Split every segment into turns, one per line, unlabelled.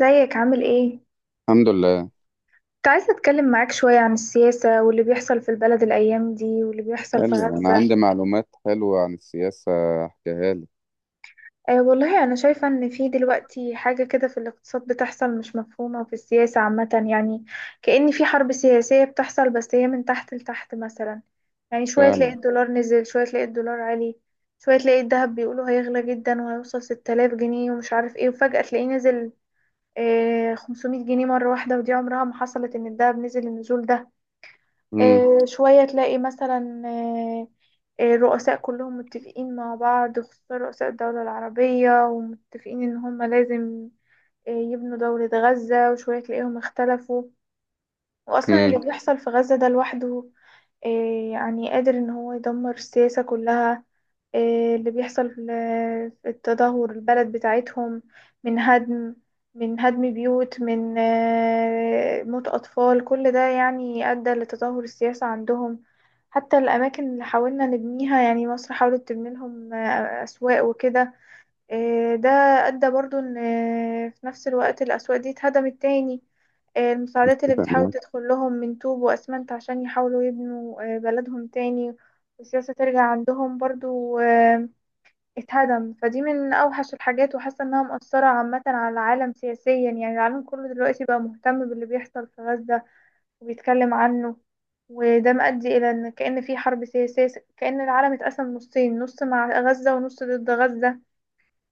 ازيك عامل ايه؟
الحمد لله.
كنت عايزة اتكلم معاك شوية عن السياسة واللي بيحصل في البلد الأيام دي واللي بيحصل
حلو،
في
بس انا
غزة.
عندي معلومات حلوه عن السياسه، احكيها لك.
أه والله أنا شايفة إن في دلوقتي حاجة كده في الاقتصاد بتحصل مش مفهومة وفي السياسة عامة يعني. كأن في حرب سياسية بتحصل بس هي من تحت لتحت مثلا. يعني شوية تلاقي
فعلا.
الدولار نزل، شوية تلاقي الدولار عالي. شوية تلاقي الذهب بيقولوا هيغلى جدا وهيوصل 6000 جنيه ومش عارف ايه، وفجأة تلاقيه نزل 500 جنيه مرة واحدة، ودي عمرها ما حصلت إن الذهب نزل النزول ده.
امم.
شوية تلاقي مثلا الرؤساء كلهم متفقين مع بعض خصوصا رؤساء الدولة العربية، ومتفقين إن هم لازم يبنوا دولة غزة، وشوية تلاقيهم اختلفوا. وأصلا
امم.
اللي بيحصل في غزة ده لوحده إيه يعني قادر ان هو يدمر السياسة كلها. إيه اللي بيحصل في في التدهور البلد بتاعتهم، من هدم من هدم بيوت، من موت أطفال، كل ده يعني أدى لتدهور السياسة عندهم. حتى الأماكن اللي حاولنا نبنيها، يعني مصر حاولت تبني لهم أسواق وكده، ده أدى برضو إن في نفس الوقت الأسواق دي اتهدمت تاني. المساعدات اللي
اتفق
بتحاول
معاك
تدخل لهم من طوب وأسمنت عشان يحاولوا يبنوا بلدهم تاني والسياسة ترجع عندهم برضو، اتهدم فدي من أوحش الحاجات، وحاسة إنها مؤثرة عامة على العالم سياسيا. يعني العالم كله دلوقتي بقى مهتم باللي بيحصل في غزة وبيتكلم عنه، وده مؤدي إلى إن كأن في حرب سياسية، كأن العالم اتقسم نصين، نص مع غزة ونص ضد غزة.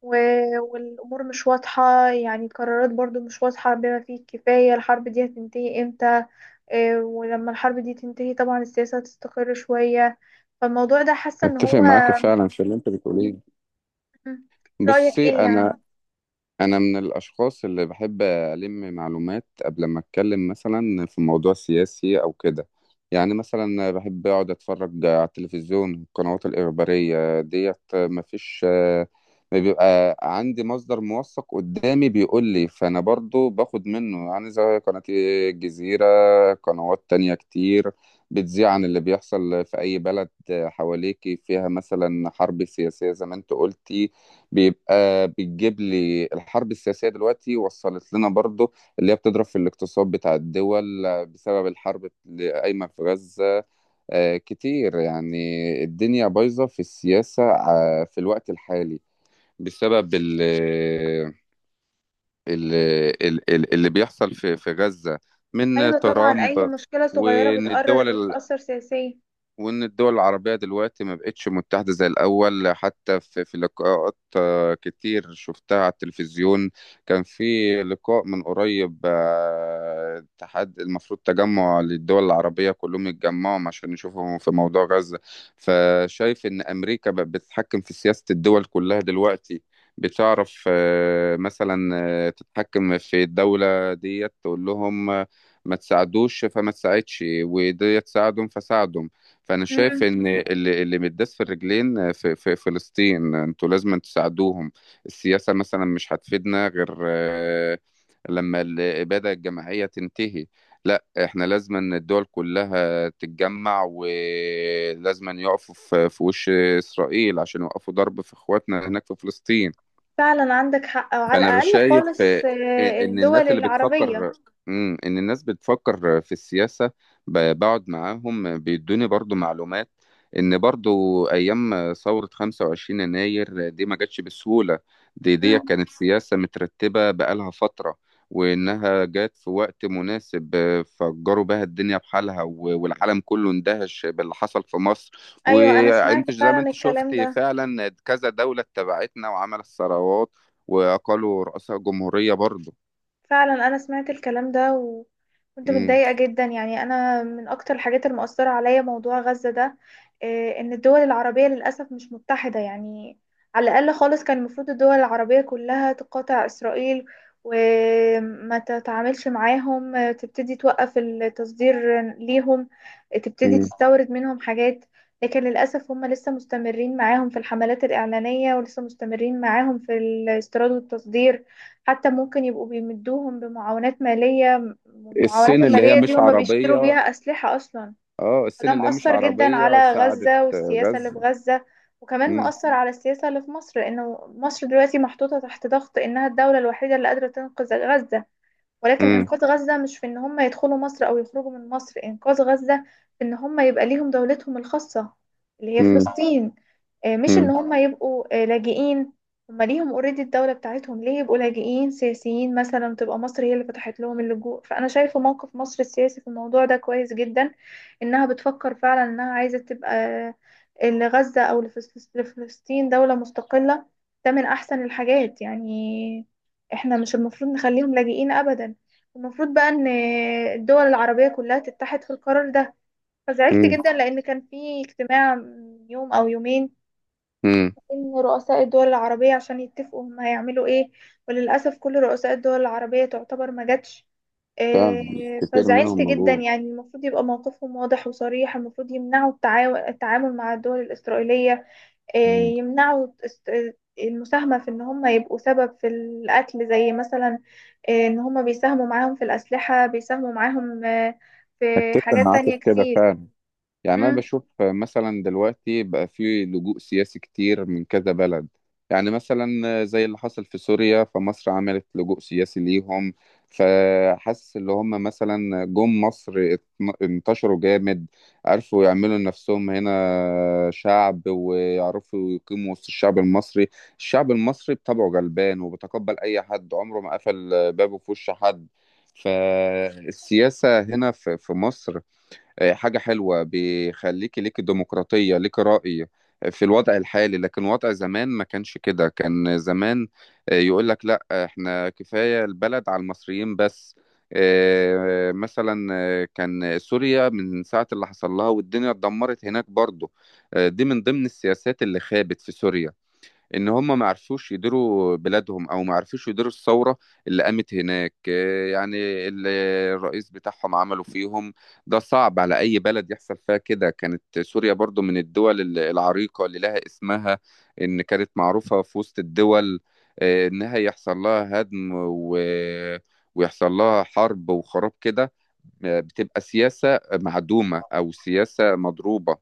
والأمور مش واضحة، يعني القرارات برضو مش واضحة بما فيه الكفاية الحرب دي هتنتهي امتى. ولما الحرب دي تنتهي طبعا السياسة هتستقر شوية، فالموضوع ده حاسة ان
اتفق
هو...
معاك فعلا في اللي انت بتقوليه.
مم. رأيك
بصي،
ايه
انا
يعني؟
انا من الاشخاص اللي بحب الم معلومات قبل ما اتكلم مثلا في موضوع سياسي او كده. يعني مثلا بحب اقعد اتفرج على التلفزيون، القنوات الاخباريه ديت، مفيش ما بيبقى عندي مصدر موثق قدامي بيقول لي، فانا برضو باخد منه، يعني زي قناة الجزيرة. قنوات تانية كتير بتذيع عن اللي بيحصل في اي بلد حواليكي، فيها مثلا حرب سياسية زي ما انت قلتي. بيبقى بتجيب لي الحرب السياسية دلوقتي وصلت لنا برضو، اللي هي بتضرب في الاقتصاد بتاع الدول بسبب الحرب اللي قايمة في غزة. كتير يعني. الدنيا بايظة في السياسة في الوقت الحالي، بسبب ال اللي بيحصل في غزة،
ايوه
من
طبعا، اي
ترامب.
مشكلة صغيرة
وإن الدول
بتقرر بتأثر سياسيا.
وإن الدول العربية دلوقتي ما بقتش متحدة زي الأول، حتى في لقاءات كتير شفتها على التلفزيون. كان في لقاء من قريب، اتحاد المفروض تجمع للدول العربية كلهم يتجمعوا عشان يشوفوا في موضوع غزة. فشايف إن أمريكا بقت بتتحكم في سياسة الدول كلها دلوقتي. بتعرف، مثلا تتحكم في الدولة ديت، تقول لهم ما تساعدوش فما تساعدش، وديت تساعدهم فساعدهم. فانا شايف
مم.
ان اللي متداس في الرجلين في فلسطين، انتوا لازم تساعدوهم. السياسه مثلا مش هتفيدنا غير لما الاباده الجماعيه تنتهي. لا، احنا لازم ان الدول كلها تتجمع، ولازم ان يقفوا في وش اسرائيل عشان يوقفوا ضرب في اخواتنا هناك في فلسطين.
فعلا عندك حق، وعلى
فانا
الأقل
شايف
خالص
ان
الدول
الناس اللي
العربية.
بتفكر، ان الناس بتفكر في السياسة، بقعد معاهم بيدوني برضو معلومات ان برضو ايام ثورة 25 يناير دي ما جاتش بسهولة. دي
مم.
كانت سياسة مترتبة بقالها فترة، وانها جات في وقت مناسب. فجروا بها الدنيا بحالها، والعالم كله اندهش باللي حصل في مصر.
ايوه، انا سمعت
وانت زي ما
فعلا
انت شفت
الكلام ده.
فعلا كذا دولة اتبعتنا وعملت ثورات، واقالوا رؤساء جمهوريه برضه.
فعلا انا سمعت الكلام ده و... كنت
امم.
متضايقة جدا، يعني أنا من أكتر الحاجات المؤثرة عليا موضوع غزة ده. إن الدول العربية للأسف مش متحدة يعني. على الأقل خالص كان المفروض الدول العربية كلها تقاطع إسرائيل، وما تتعاملش معاهم، تبتدي توقف التصدير ليهم، تبتدي
امم.
تستورد منهم حاجات. لكن للأسف هم لسه مستمرين معاهم في الحملات الإعلانية، ولسه مستمرين معاهم في الاستيراد والتصدير. حتى ممكن يبقوا بيمدوهم بمعاونات مالية، والمعاونات
الصين اللي هي
المالية دي
مش
هما أيوة بيشتروا
عربيه.
بيها أسلحة أصلا.
اه،
فده
الصين اللي هي مش
مؤثر جدا
عربيه
على
ساعدت
غزة والسياسة اللي في
غزه.
غزة، وكمان
امم.
مؤثر على السياسة اللي في مصر، لأنه مصر دلوقتي محطوطة تحت ضغط إنها الدولة الوحيدة اللي قادرة تنقذ غزة. ولكن
امم.
إنقاذ غزة مش في إن هم يدخلوا مصر أو يخرجوا من مصر. إنقاذ غزة في إن هم يبقى ليهم دولتهم الخاصة، اللي هي
امم.
فلسطين. مش إن
امم.
هم يبقوا لاجئين. هم ليهم اوريدي الدولة بتاعتهم، ليه يبقوا لاجئين سياسيين مثلا تبقى مصر هي اللي فتحت لهم اللجوء؟ فأنا شايفة موقف مصر السياسي في الموضوع ده كويس جدا، إنها بتفكر فعلا إنها عايزة تبقى لغزة أو لفلسطين دولة مستقلة. ده من أحسن الحاجات يعني. احنا مش المفروض نخليهم لاجئين ابدا، المفروض بقى ان الدول العربية كلها تتحد في القرار ده. فزعلت
امم.
جدا لان كان في اجتماع من يوم او يومين
امم.
بين رؤساء الدول العربية عشان يتفقوا هم هيعملوا ايه، وللأسف كل رؤساء الدول العربية تعتبر ما جاتش.
فعلا،
إيه،
كتير
فزعلت
منهم
جدا،
موجود.
يعني المفروض يبقى موقفهم واضح وصريح، المفروض يمنعوا التعامل مع الدول الإسرائيلية. آه،
امم.
يمنعوا المساهمة في إن هم يبقوا سبب في القتل، زي مثلا إن هم بيساهموا معاهم في الأسلحة، بيساهموا معاهم في
اتفق
حاجات
معاك
تانية
في كده
كتير.
فعلا. يعني أنا
مم.
بشوف مثلا دلوقتي بقى في لجوء سياسي كتير من كذا بلد. يعني مثلا زي اللي حصل في سوريا، فمصر عملت لجوء سياسي ليهم. فحس اللي هم مثلا جم مصر، انتشروا جامد، عرفوا يعملوا نفسهم هنا شعب، ويعرفوا يقيموا وسط الشعب المصري. الشعب المصري بطبعه غلبان، وبيتقبل أي حد، عمره ما قفل بابه في وش حد. فالسياسة هنا في مصر حاجة حلوة، بيخليكي ليكي ديمقراطية، ليكي رأي في الوضع الحالي. لكن وضع زمان ما كانش كده. كان زمان يقول لك لا، احنا كفاية البلد على المصريين بس. مثلا كان سوريا من ساعة اللي حصل لها، والدنيا اتدمرت هناك برضو. دي من ضمن السياسات اللي خابت في سوريا، ان هم ما عرفوش يديروا بلادهم، او ما عرفوش يديروا الثوره اللي قامت هناك. يعني اللي الرئيس بتاعهم عملوا فيهم، ده صعب على اي بلد يحصل فيها كده. كانت سوريا برضو من الدول العريقه اللي لها اسمها، ان كانت معروفه في وسط الدول. انها يحصل لها هدم، ويحصل لها حرب وخراب كده. بتبقى سياسة معدومة أو سياسة مضروبة.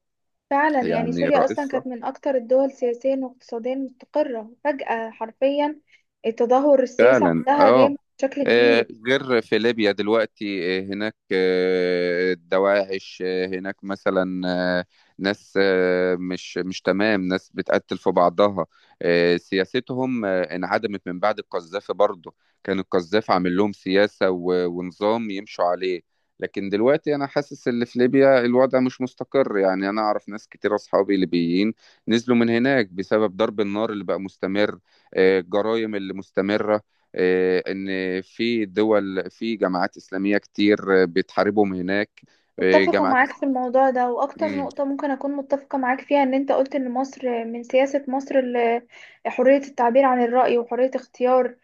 فعلا. يعني
يعني
سوريا أصلا
رئيسها.
كانت من أكتر الدول سياسيا واقتصاديا مستقرة، فجأة حرفيا التدهور السياسي
فعلا،
عندها
اه.
جامد بشكل كبير.
غير في ليبيا دلوقتي، هناك دواعش، هناك مثلا آه، ناس، مش تمام، ناس بتقتل في بعضها. سياستهم انعدمت من بعد القذافي برضه. كان القذافي عامل لهم سياسة ونظام يمشوا عليه. لكن دلوقتي انا حاسس ان في ليبيا الوضع مش مستقر، يعني انا اعرف ناس كتير اصحابي ليبيين، نزلوا من هناك بسبب ضرب النار اللي بقى مستمر. الجرايم اللي مستمرة. ان في دول، في جماعات اسلاميه كتير بتحاربهم هناك.
متفقة
جماعات
معاك في الموضوع ده، وأكتر
مم.
نقطة ممكن أكون متفقة معاك فيها إن أنت قلت إن مصر، من سياسة مصر حرية التعبير عن الرأي، وحرية اختيار،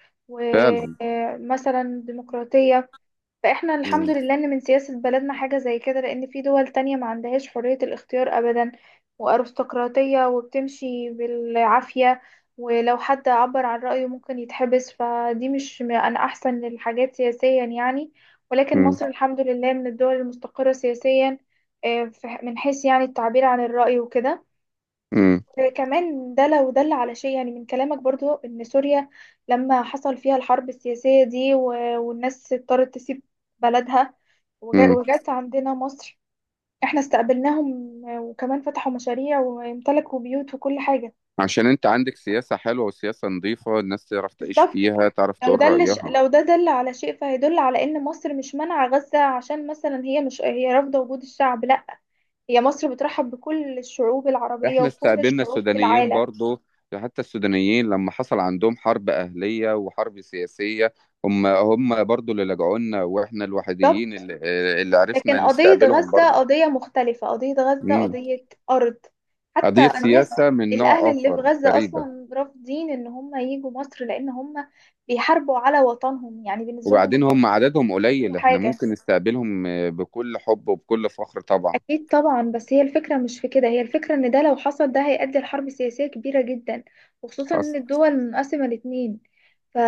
فعلا.
ومثلا ديمقراطية. فاحنا الحمد
مم،
لله ان من سياسة بلدنا حاجة زي كده، لان في دول تانية ما عندهاش حرية الاختيار ابدا، وارستقراطية، وبتمشي بالعافية، ولو حد عبر عن رأيه ممكن يتحبس، فدي مش انا احسن الحاجات سياسيا يعني. ولكن
مم،
مصر الحمد لله من الدول المستقرة سياسيا، من حيث يعني التعبير عن الرأي وكده.
مم،
كمان ده لو دل على شيء، يعني من كلامك برضو ان سوريا لما حصل فيها الحرب السياسية دي والناس اضطرت تسيب بلدها
مم.
وجات عندنا مصر، احنا استقبلناهم وكمان فتحوا مشاريع وامتلكوا بيوت وكل حاجة.
عشان انت عندك سياسه حلوه وسياسه نظيفه، الناس تعرف تعيش
بالظبط.
فيها، تعرف تقول رايها.
لو ده دل على شيء فهيدل على ان مصر مش مانعة غزة عشان مثلا هي مش، هي رافضة وجود الشعب، لا، هي مصر بترحب بكل الشعوب العربية
احنا
وكل
استقبلنا
الشعوب في
السودانيين
العالم.
برضو. حتى السودانيين لما حصل عندهم حرب اهليه وحرب سياسيه، هم برضو اللي لجعوا لنا، واحنا الوحيدين
بالظبط.
اللي
لكن
عرفنا
قضية
نستقبلهم
غزة
برضو.
قضية مختلفة، قضية غزة قضية أرض. حتى
قضية
الناس،
سياسة من
الأهل
نوع
اللي في
آخر
غزة
فريدة.
أصلا رافضين إن هم ييجوا مصر، لأن هم بيحاربوا على وطنهم، يعني بالنسبة لهم
وبعدين هم
الوطن
عددهم
كل
قليل، احنا
حاجة.
ممكن نستقبلهم بكل حب وبكل فخر طبعا.
أكيد طبعا، بس هي الفكرة مش في كده، هي الفكرة إن ده لو حصل ده هيؤدي لحرب سياسية كبيرة جدا، وخصوصا
حصل.
إن الدول منقسمة الاتنين،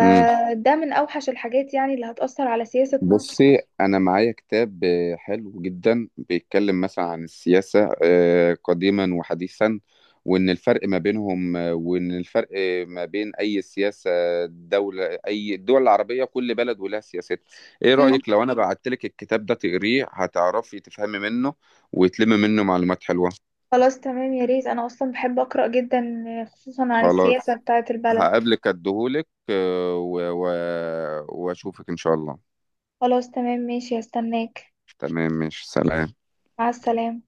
مم.
من أوحش الحاجات يعني اللي هتأثر على سياسة مصر.
بصي، أنا معايا كتاب حلو جدا، بيتكلم مثلا عن السياسة قديما وحديثا، وإن الفرق ما بينهم، وإن الفرق ما بين أي سياسة دولة، أي الدول العربية، كل بلد ولها سياستها. إيه
مم.
رأيك لو أنا بعتلك الكتاب ده تقريه، هتعرفي تفهمي منه وتلمي منه معلومات حلوة.
خلاص تمام، يا ريت، أنا أصلا بحب أقرأ جدا، خصوصا عن السياسة
خلاص.
بتاعة البلد.
هقابلك اديهولك، واشوفك ان شاء الله.
خلاص تمام ماشي، هستناك.
تمام، مش سلام.
مع السلامة.